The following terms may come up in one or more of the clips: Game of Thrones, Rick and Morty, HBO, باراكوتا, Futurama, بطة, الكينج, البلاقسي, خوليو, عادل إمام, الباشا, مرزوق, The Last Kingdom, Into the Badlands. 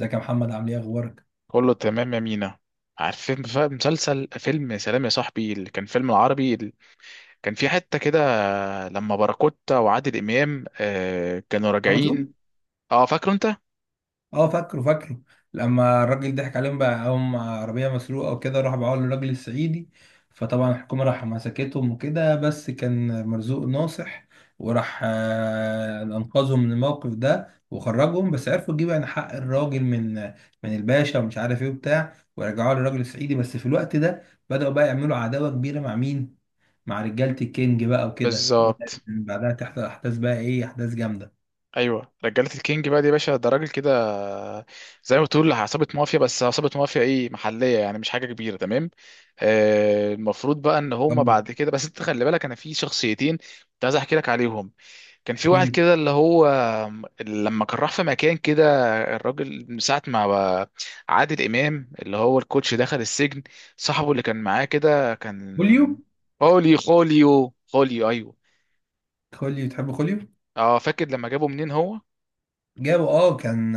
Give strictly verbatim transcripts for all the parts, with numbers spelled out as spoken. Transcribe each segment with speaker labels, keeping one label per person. Speaker 1: ازيك يا محمد؟ عامل ايه؟ اخبارك؟
Speaker 2: كله تمام يا مينا. عارفين بقى مسلسل فيلم سلام يا صاحبي اللي كان فيلم العربي اللي كان في حتة كده لما باراكوتا وعادل إمام آه كانوا
Speaker 1: عبسو،
Speaker 2: راجعين. اه، فاكره انت؟
Speaker 1: اه فاكره فاكره. لما الراجل ضحك عليهم بقى هم عربيه مسروقه وكده، راح باعوها للراجل الصعيدي. فطبعا الحكومه راح مسكتهم وكده، بس كان مرزوق ناصح وراح آه، انقذهم من الموقف ده وخرجهم، بس عرفوا يجيبوا يعني حق الراجل من من الباشا ومش عارف ايه وبتاع، ورجعوها للراجل الصعيدي. بس في الوقت ده بدأوا بقى يعملوا عداوه كبيره مع مين؟ مع رجاله الكينج بقى وكده، وبدأت
Speaker 2: بالظبط.
Speaker 1: من بعدها تحصل احداث بقى ايه، احداث جامده.
Speaker 2: ايوه، رجالة الكينج بقى دي يا باشا ده راجل كده. آه، زي ما بتقول عصابة مافيا، بس عصابة مافيا ايه، محلية يعني، مش حاجة كبيرة. تمام. آه المفروض بقى ان هما بعد كده، بس انت خلي بالك، انا في شخصيتين كنت عايز احكي لك عليهم. كان في واحد
Speaker 1: كيلي،
Speaker 2: كده اللي هو لما كان راح في مكان كده. الراجل من ساعة ما بقى عادل إمام اللي هو الكوتش دخل السجن، صاحبه اللي كان معاه كده
Speaker 1: خوليو،
Speaker 2: كان خولي خوليو خوليو، أيوه.
Speaker 1: خوليو تحب خوليو.
Speaker 2: اه، فاكر لما جابه منين هو.
Speaker 1: جابوا اه، كان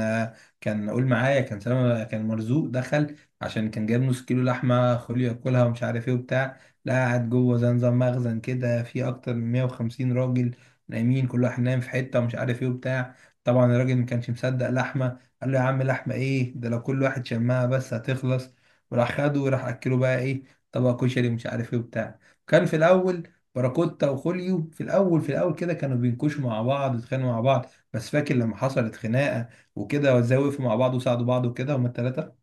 Speaker 1: كان قول معايا، كان سما، كان مرزوق دخل عشان كان جايب نص كيلو لحمه خليه ياكلها ومش عارف ايه وبتاع. لا، قاعد جوه زي نظام مخزن كده، في اكتر من مية وخمسين راجل نايمين، كل واحد نايم في حته ومش عارف ايه وبتاع. طبعا الراجل ما كانش مصدق لحمه، قال له يا عم لحمه ايه ده؟ لو كل واحد شمها بس هتخلص. وراح خده وراح اكله بقى ايه، طبق كشري، مش عارف ايه وبتاع. كان في الاول باراكوتا وخوليو، في الاول في الاول كده كانوا بينكشوا مع بعض ويتخانقوا مع بعض، بس فاكر لما حصلت خناقه وكده، وزوقوا مع بعض وساعدوا بعض وكده، هما الثلاثه.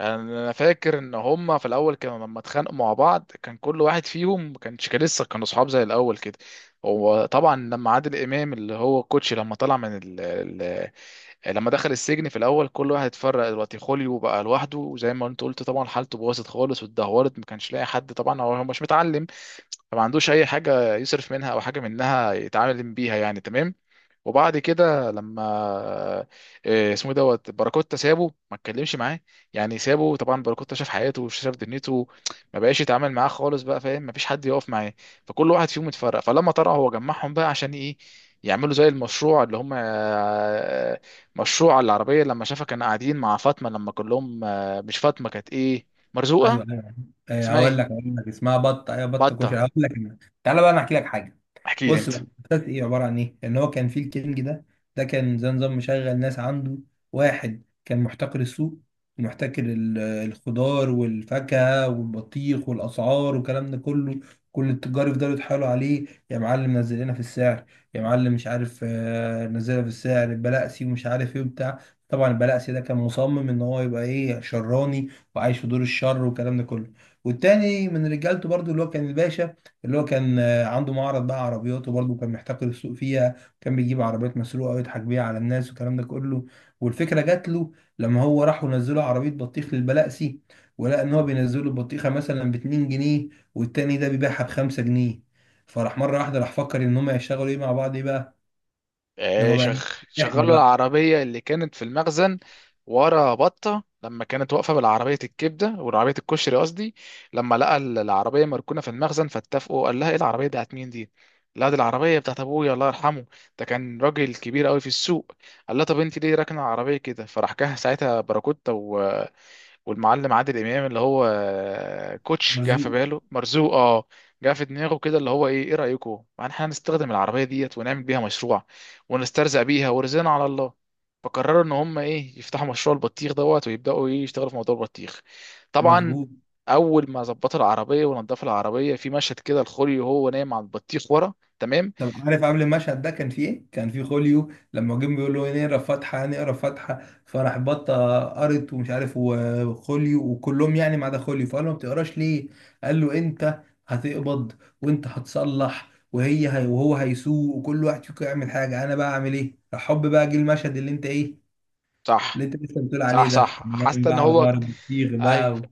Speaker 2: انا فاكر ان هما في الاول كانوا لما اتخانقوا مع بعض كان كل واحد فيهم ما كانش، كان لسه كانوا صحاب زي الاول كده. هو طبعا لما عادل امام اللي هو الكوتش لما طلع من، لما دخل السجن في الاول كل واحد اتفرق. دلوقتي خوليو بقى لوحده، وزي ما انت قلت، طبعا حالته باظت خالص واتدهورت، ما كانش لاقي حد. طبعا هو هو مش متعلم، فما عندوش اي حاجه يصرف منها او حاجه منها يتعامل بيها. يعني تمام. وبعد كده لما آه، اسمه إيه دوت باراكوتا سابه ما اتكلمش معاه. يعني سابه. طبعا باراكوتا شاف حياته وشاف دنيته، ما بقاش يتعامل معاه خالص. بقى فاهم، ما فيش حد يقف معاه. فكل واحد فيهم اتفرق. فلما طلع هو جمعهم بقى عشان ايه؟ يعملوا زي المشروع اللي هم آه، مشروع العربية. لما شافها كان قاعدين مع فاطمة لما كلهم، آه، مش فاطمة، كانت ايه، مرزوقة.
Speaker 1: ايوه ايوه. آه،
Speaker 2: اسمها
Speaker 1: هقول لك
Speaker 2: ايه؟
Speaker 1: هقول لك اسمها بطه. ايوه، بطه كشري،
Speaker 2: بطة.
Speaker 1: هقول لك أنا. تعالى بقى انا احكي لك حاجه.
Speaker 2: احكي لي
Speaker 1: بص
Speaker 2: انت.
Speaker 1: بقى، مسلسل ايه عباره عن ايه؟ ان هو كان في الكينج ده ده كان زي نظام مشغل ناس عنده، واحد كان محتكر السوق، ومحتكر ال- الخضار والفاكهه والبطيخ والاسعار والكلام ده كله. كل التجار يفضلوا يتحايلوا عليه: يا معلم نزل لنا في السعر، يا معلم مش عارف آه، نزل لنا في السعر البلاقسي ومش عارف ايه وبتاع. طبعا البلاقسي ده كان مصمم ان هو يبقى ايه، شراني، وعايش في دور الشر والكلام ده كله. والتاني من رجالته برضو اللي هو كان الباشا، اللي هو كان عنده معرض بقى عربيات وبرضه كان محتكر السوق فيها. كان بيجيب عربيات مسروقه ويضحك بيها على الناس والكلام ده كله. والفكره جات له لما هو راحوا نزلوا عربيه بطيخ للبلقسي، ولقى ان هو بينزلوا البطيخه مثلا ب جنيهين، والتاني ده بيبيعها ب خمسة جنيه. فراح مره واحده راح فكر ان هم يشتغلوا ايه مع بعض، ايه بقى، ان
Speaker 2: آه،
Speaker 1: هم بقى
Speaker 2: شغ...
Speaker 1: إيه؟ احنا
Speaker 2: شغلوا
Speaker 1: بقى،
Speaker 2: العربية اللي كانت في المخزن ورا بطة لما كانت واقفة بالعربية الكبدة، والعربية الكشري قصدي. لما لقى ال- العربية مركونة في المخزن فاتفقوا، قال لها: ايه العربية بتاعت مين دي؟ لا، دي العربية بتاعت أبويا الله يرحمه، ده كان راجل كبير قوي في السوق. قال لها: طب انت ليه راكنة العربية كده؟ فراح جه ساعتها باراكوتا والمعلم عادل امام اللي هو آه، كوتش، جه في
Speaker 1: مرزوق.
Speaker 2: باله مرزوق. اه جه في دماغه كده اللي هو ايه ايه رايكم يعني احنا هنستخدم العربيه ديت ونعمل بيها مشروع، ونسترزق بيها ورزقنا على الله. فقرروا ان هم ايه يفتحوا مشروع البطيخ دوت، ويبداوا ايه يشتغلوا في موضوع البطيخ. طبعا
Speaker 1: مظبوط.
Speaker 2: اول ما ظبطوا العربيه ونضفوا العربيه في مشهد كده الخوري وهو نايم على البطيخ ورا. تمام.
Speaker 1: طب عارف قبل المشهد ده كان فيه ايه؟ كان فيه خوليو، لما جم بيقول له نقرا فاتحه نقرا فاتحه، فراح بطه قرت ومش عارف وخوليو وكلهم يعني ما عدا خوليو، فقال له ما بتقراش ليه؟ قال له انت هتقبض وانت هتصلح وهي هي وهو هيسوق وكل واحد فيكم يعمل حاجه، انا بقى اعمل ايه؟ راح حب بقى جه المشهد اللي انت ايه، اللي
Speaker 2: صح،
Speaker 1: انت لسه بتقول عليه،
Speaker 2: صح،
Speaker 1: ده
Speaker 2: صح،
Speaker 1: كان نايم
Speaker 2: حاسس
Speaker 1: بقى
Speaker 2: ان
Speaker 1: على
Speaker 2: هو،
Speaker 1: ظهر بطيخ
Speaker 2: ايوه.
Speaker 1: بقى،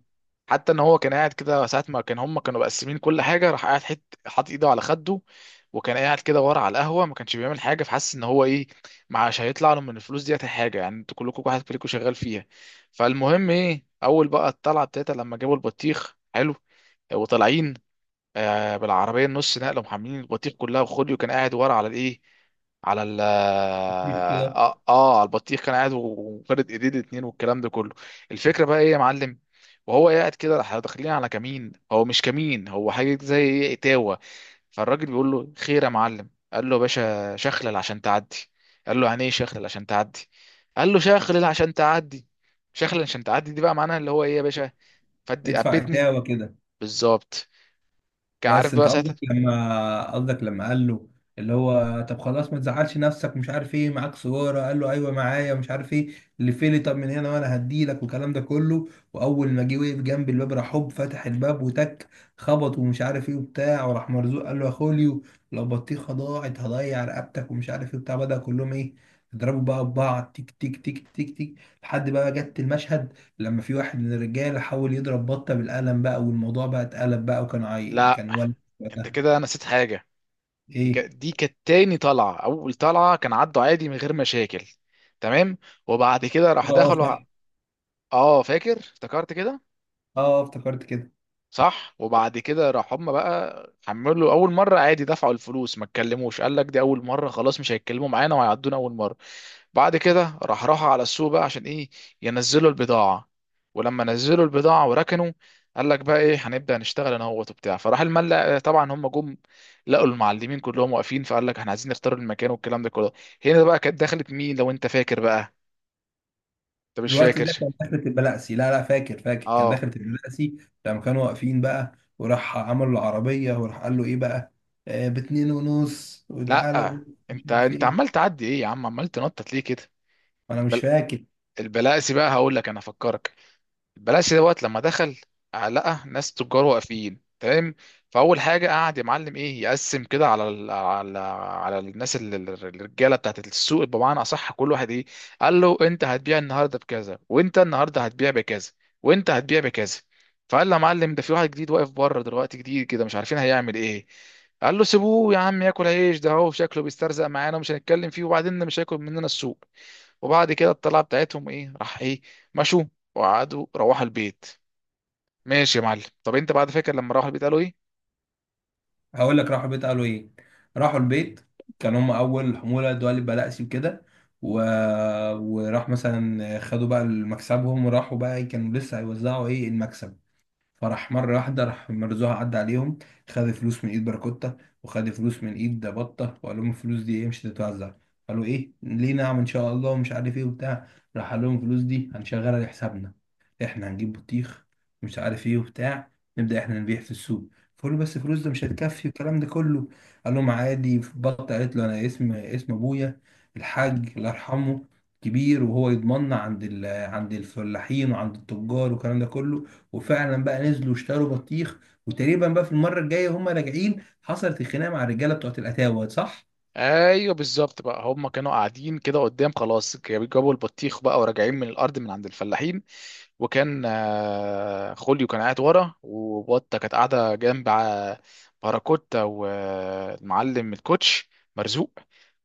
Speaker 2: حتى ان هو كان قاعد كده ساعه ما كان هم كانوا مقسمين كل حاجه، راح قاعد حت، حاطط ايده على خده، وكان قاعد كده ورا على القهوه ما كانش بيعمل حاجه. فحس ان هو ايه، معاش هيطلع له من الفلوس ديت حاجه، يعني انتوا كلكم واحد فيكم شغال فيها. فالمهم ايه، اول بقى الطلعه بتاعتها لما جابوا البطيخ حلو وطالعين، آه، بالعربيه النص نقله محملين البطيخ كلها، وخوليو كان قاعد ورا على الايه، على ال
Speaker 1: وبطيخ
Speaker 2: اه,
Speaker 1: كده.
Speaker 2: آه آه، على البطيخ، كان قاعد وفرد ايديه الاتنين والكلام ده كله. الفكره بقى ايه يا معلم، وهو قاعد كده احنا داخلين على كمين. هو مش كمين، هو حاجه زي ايه، اتاوه. فالراجل بيقول له: خير يا معلم. قال له: يا باشا شخلل عشان تعدي. قال له: يعني ايه شخلل عشان تعدي؟ قال له: شخلل عشان تعدي. شخلل عشان تعدي دي بقى معناها اللي هو ايه يا باشا، فدي
Speaker 1: ادفع
Speaker 2: قبدني.
Speaker 1: اتاوه كده.
Speaker 2: بالظبط. كان عارف
Speaker 1: بس انت
Speaker 2: بقى ساعتها.
Speaker 1: قصدك لما قصدك لما قال له، اللي هو طب خلاص ما تزعلش نفسك، مش عارف ايه، معاك صورة؟ قال له ايوه معايا، مش عارف ايه، اللي فيلي طب من هنا وانا هديلك والكلام ده كله. واول ما جه وقف جنب الباب، راح هوب فتح الباب وتك، خبط ومش عارف ايه وبتاع. وراح مرزوق قال له يا خوليو، لو بطيخه ضاعت هضيع رقبتك ومش عارف ايه وبتاع. بدأ كلهم ايه، يضربوا بقى ببعض، تيك تيك تيك تيك تيك، لحد بقى جت المشهد لما في واحد من الرجاله حاول يضرب بطه بالقلم بقى، والموضوع بقى اتقلب بقى، وكان عي...
Speaker 2: لا،
Speaker 1: كان ولد
Speaker 2: انت
Speaker 1: وقتها.
Speaker 2: كده نسيت حاجه. دي ك...
Speaker 1: ايه؟
Speaker 2: دي كانت تاني طلعه، اول طلعه كان عدوا عادي من غير مشاكل. تمام. وبعد كده راح
Speaker 1: اه، آه،
Speaker 2: دخلوا
Speaker 1: صح،
Speaker 2: ع-
Speaker 1: اه،
Speaker 2: اه، فاكر، افتكرت كده.
Speaker 1: آه، افتكرت كده.
Speaker 2: صح. وبعد كده راح هم بقى حملوا اول مره عادي دفعوا الفلوس ما اتكلموش. قال لك دي اول مره خلاص مش هيتكلموا معانا وهيعدونا اول مره. بعد كده راح راحوا على السوق بقى عشان ايه؟ ينزلوا البضاعة. ولما نزلوا البضاعة وركنوا، قال لك بقى ايه، هنبدأ نشتغل انا هو وبتاع. فراح الملا، طبعا هم جم، لقوا المعلمين كلهم واقفين. فقال لك احنا عايزين نختار المكان والكلام ده كله. هنا بقى كانت دخلت مين لو انت فاكر بقى، انت مش
Speaker 1: الوقت ده
Speaker 2: فاكر.
Speaker 1: كان دخلة البلاسي، لا لا، فاكر فاكر كان
Speaker 2: اه.
Speaker 1: دخلة البلاسي. لما كانوا واقفين بقى، وراح عمل العربية وراح قال له ايه بقى، آه باتنين ونص وتعالى
Speaker 2: لا
Speaker 1: بو- مش
Speaker 2: انت
Speaker 1: عارف
Speaker 2: انت
Speaker 1: ايه.
Speaker 2: عمال تعدي ايه يا عم، عمال تنطط ليه كده.
Speaker 1: انا مش
Speaker 2: بل...
Speaker 1: فاكر.
Speaker 2: البلاسي بقى، هقول لك انا افكرك. البلاسي دوت لما دخل، آه، لقى ناس تجار واقفين. تمام. فاول حاجه قعد يا معلم ايه يقسم كده على ال، على على الناس ال- ال- الرجاله بتاعت السوق، بمعنى اصح كل واحد ايه، قال له: انت هتبيع النهارده بكذا، وانت النهارده هتبيع بكذا، وانت هتبيع بكذا. فقال له: يا معلم ده في واحد جديد واقف بره دلوقتي جديد كده مش عارفين هيعمل ايه. قال له: سيبوه يا عم ياكل عيش، ده هو شكله بيسترزق معانا ومش هنتكلم فيه، وبعدين مش هياكل مننا السوق. وبعد كده الطلعه بتاعتهم ايه، راح ايه، مشوا وقعدوا روحوا البيت. ماشي يا معلم، طب انت بعد فكره لما روحوا البيت قالوا ايه؟
Speaker 1: هقول لك راحوا البيت قالوا ايه. راحوا البيت، كان هم اول حموله دول بلاقسي وكده، و... وراح مثلا خدوا بقى مكسبهم، وراحوا بقى كانوا لسه هيوزعوا ايه المكسب، فراح مرة واحدة راح مرزوها عدى عليهم، خد فلوس من ايد باراكوتا وخد فلوس من ايد بطة، وقال لهم الفلوس دي ايه، مش هتتوزع. قالوا ايه ليه، نعم ان شاء الله ومش عارف ايه وبتاع. راح قال لهم الفلوس دي هنشغلها لحسابنا، احنا هنجيب بطيخ ومش عارف ايه وبتاع، نبدأ احنا نبيع في السوق. فقالوا بس الفلوس ده مش هتكفي والكلام ده كله، قال لهم عادي. بطة قالت له انا اسم اسم ابويا الحاج الله يرحمه كبير، وهو يضمننا عند ال... عند الفلاحين وعند التجار والكلام ده كله. وفعلا بقى نزلوا واشتروا بطيخ، وتقريبا بقى في المره الجايه هم راجعين حصلت الخناقه مع الرجاله بتوعت الاتاوه، صح؟
Speaker 2: ايوه، بالظبط بقى هم كانوا قاعدين كده قدام خلاص، جابوا البطيخ بقى وراجعين من الارض من عند الفلاحين. وكان آه، خوليو كان قاعد ورا، وبطه كانت قاعده جنب آه، باراكوتا والمعلم الكوتش مرزوق.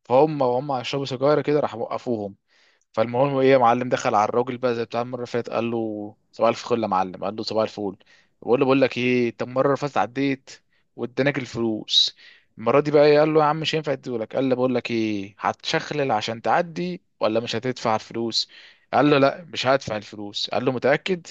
Speaker 2: فهم وهم شربوا سجاير كده راح وقفوهم. فالمهم ايه يا معلم، دخل على الراجل بقى زي بتاع المره اللي فاتت، قال له صباح الفل يا معلم. قال له صباح الفل. بقول له بقول لك ايه، انت المره اللي فاتت عديت وادانك الفلوس، المره دي بقى إيه، قال له يا عم مش هينفع اديهولك. قال له بقول لك ايه هتشخلل عشان تعدي ولا مش هتدفع الفلوس. قال له لا مش هدفع الفلوس. قال له متاكد؟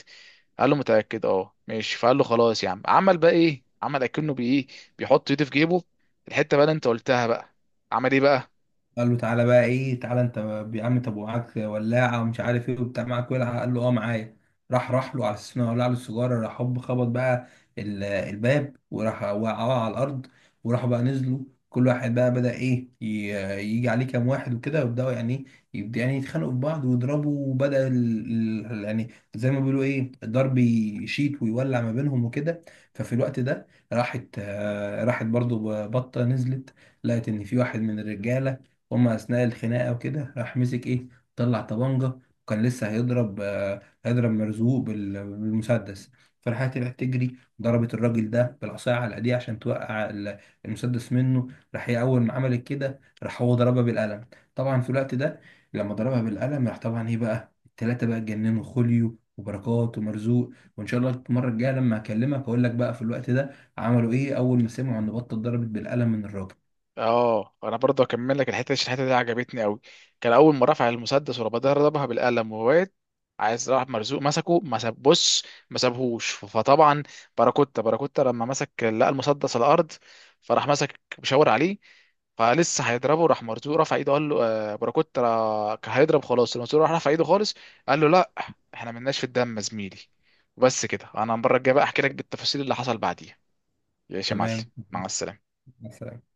Speaker 2: قال له متاكد. اه ماشي. فقال له خلاص يا عم، عمل بقى ايه، عمل اكنه بايه، بيحط ايده في جيبه. الحته بقى اللي انت قلتها بقى، عمل ايه بقى.
Speaker 1: قال له تعالى بقى ايه، تعالى انت يا عم، طب ومعاك ولاعه ومش عارف ايه وبتاع، معاك ولعه؟ قال له اه معايا. راح راح له على اساس انه ولع له السيجاره، راح هوب خبط بقى ال- الباب، وراح وقعوه على الارض، وراحوا بقى نزلوا، كل واحد بقى بدأ ايه ي- يجي عليه كام واحد وكده، ويبدأوا يعني ايه، يبدأ يعني يتخانقوا في بعض ويضربوا. وبدأ ال... ال- يعني زي ما بيقولوا ايه، الضرب يشيط ويولع ما بينهم وكده. ففي الوقت ده راحت آه، راحت برضو بطة نزلت، لقت ان في واحد من الرجالة هما اثناء الخناقه وكده راح مسك ايه، طلع طبنجه، وكان لسه هيضرب آه، هيضرب مرزوق بال- بالمسدس. فراحت طلعت تجري ضربت الراجل ده بالعصايه على ايديه عشان توقع ال- المسدس منه. راح هي اول ما عملت كده، راح هو ضربها بالقلم. طبعا في الوقت ده لما ضربها بالقلم راح طبعا ايه بقى، التلاته بقى اتجننوا، خوليو وبركات ومرزوق. وان شاء الله المره الجايه لما اكلمك اقول لك بقى في الوقت ده عملوا ايه اول ما سمعوا ان بطه ضربت بالقلم من الراجل.
Speaker 2: اه، انا برضه اكمل لك الحته دي عشان الحته دي عجبتني قوي. كان اول ما رفع المسدس ورا بعضها ضربها بالقلم وواد عايز، راح مرزوق مسكه ما ساب، بص، ما سابهوش. فطبعا باراكوتا باراكوتا لما مسك لقى المسدس على الارض، فراح مسك مشاور عليه. فلسه هيضربه راح مرزوق رفع ايده، قال له آه، باراكوتا را- كان هيضرب خلاص المرزوق راح رفع ايده خالص. قال له لا، احنا ملناش في الدم يا زميلي. وبس كده. انا المره الجايه بقى احكي لك بالتفاصيل اللي حصل بعديها. يا شمال.
Speaker 1: تمام،
Speaker 2: مع السلامه.
Speaker 1: مع السلامة.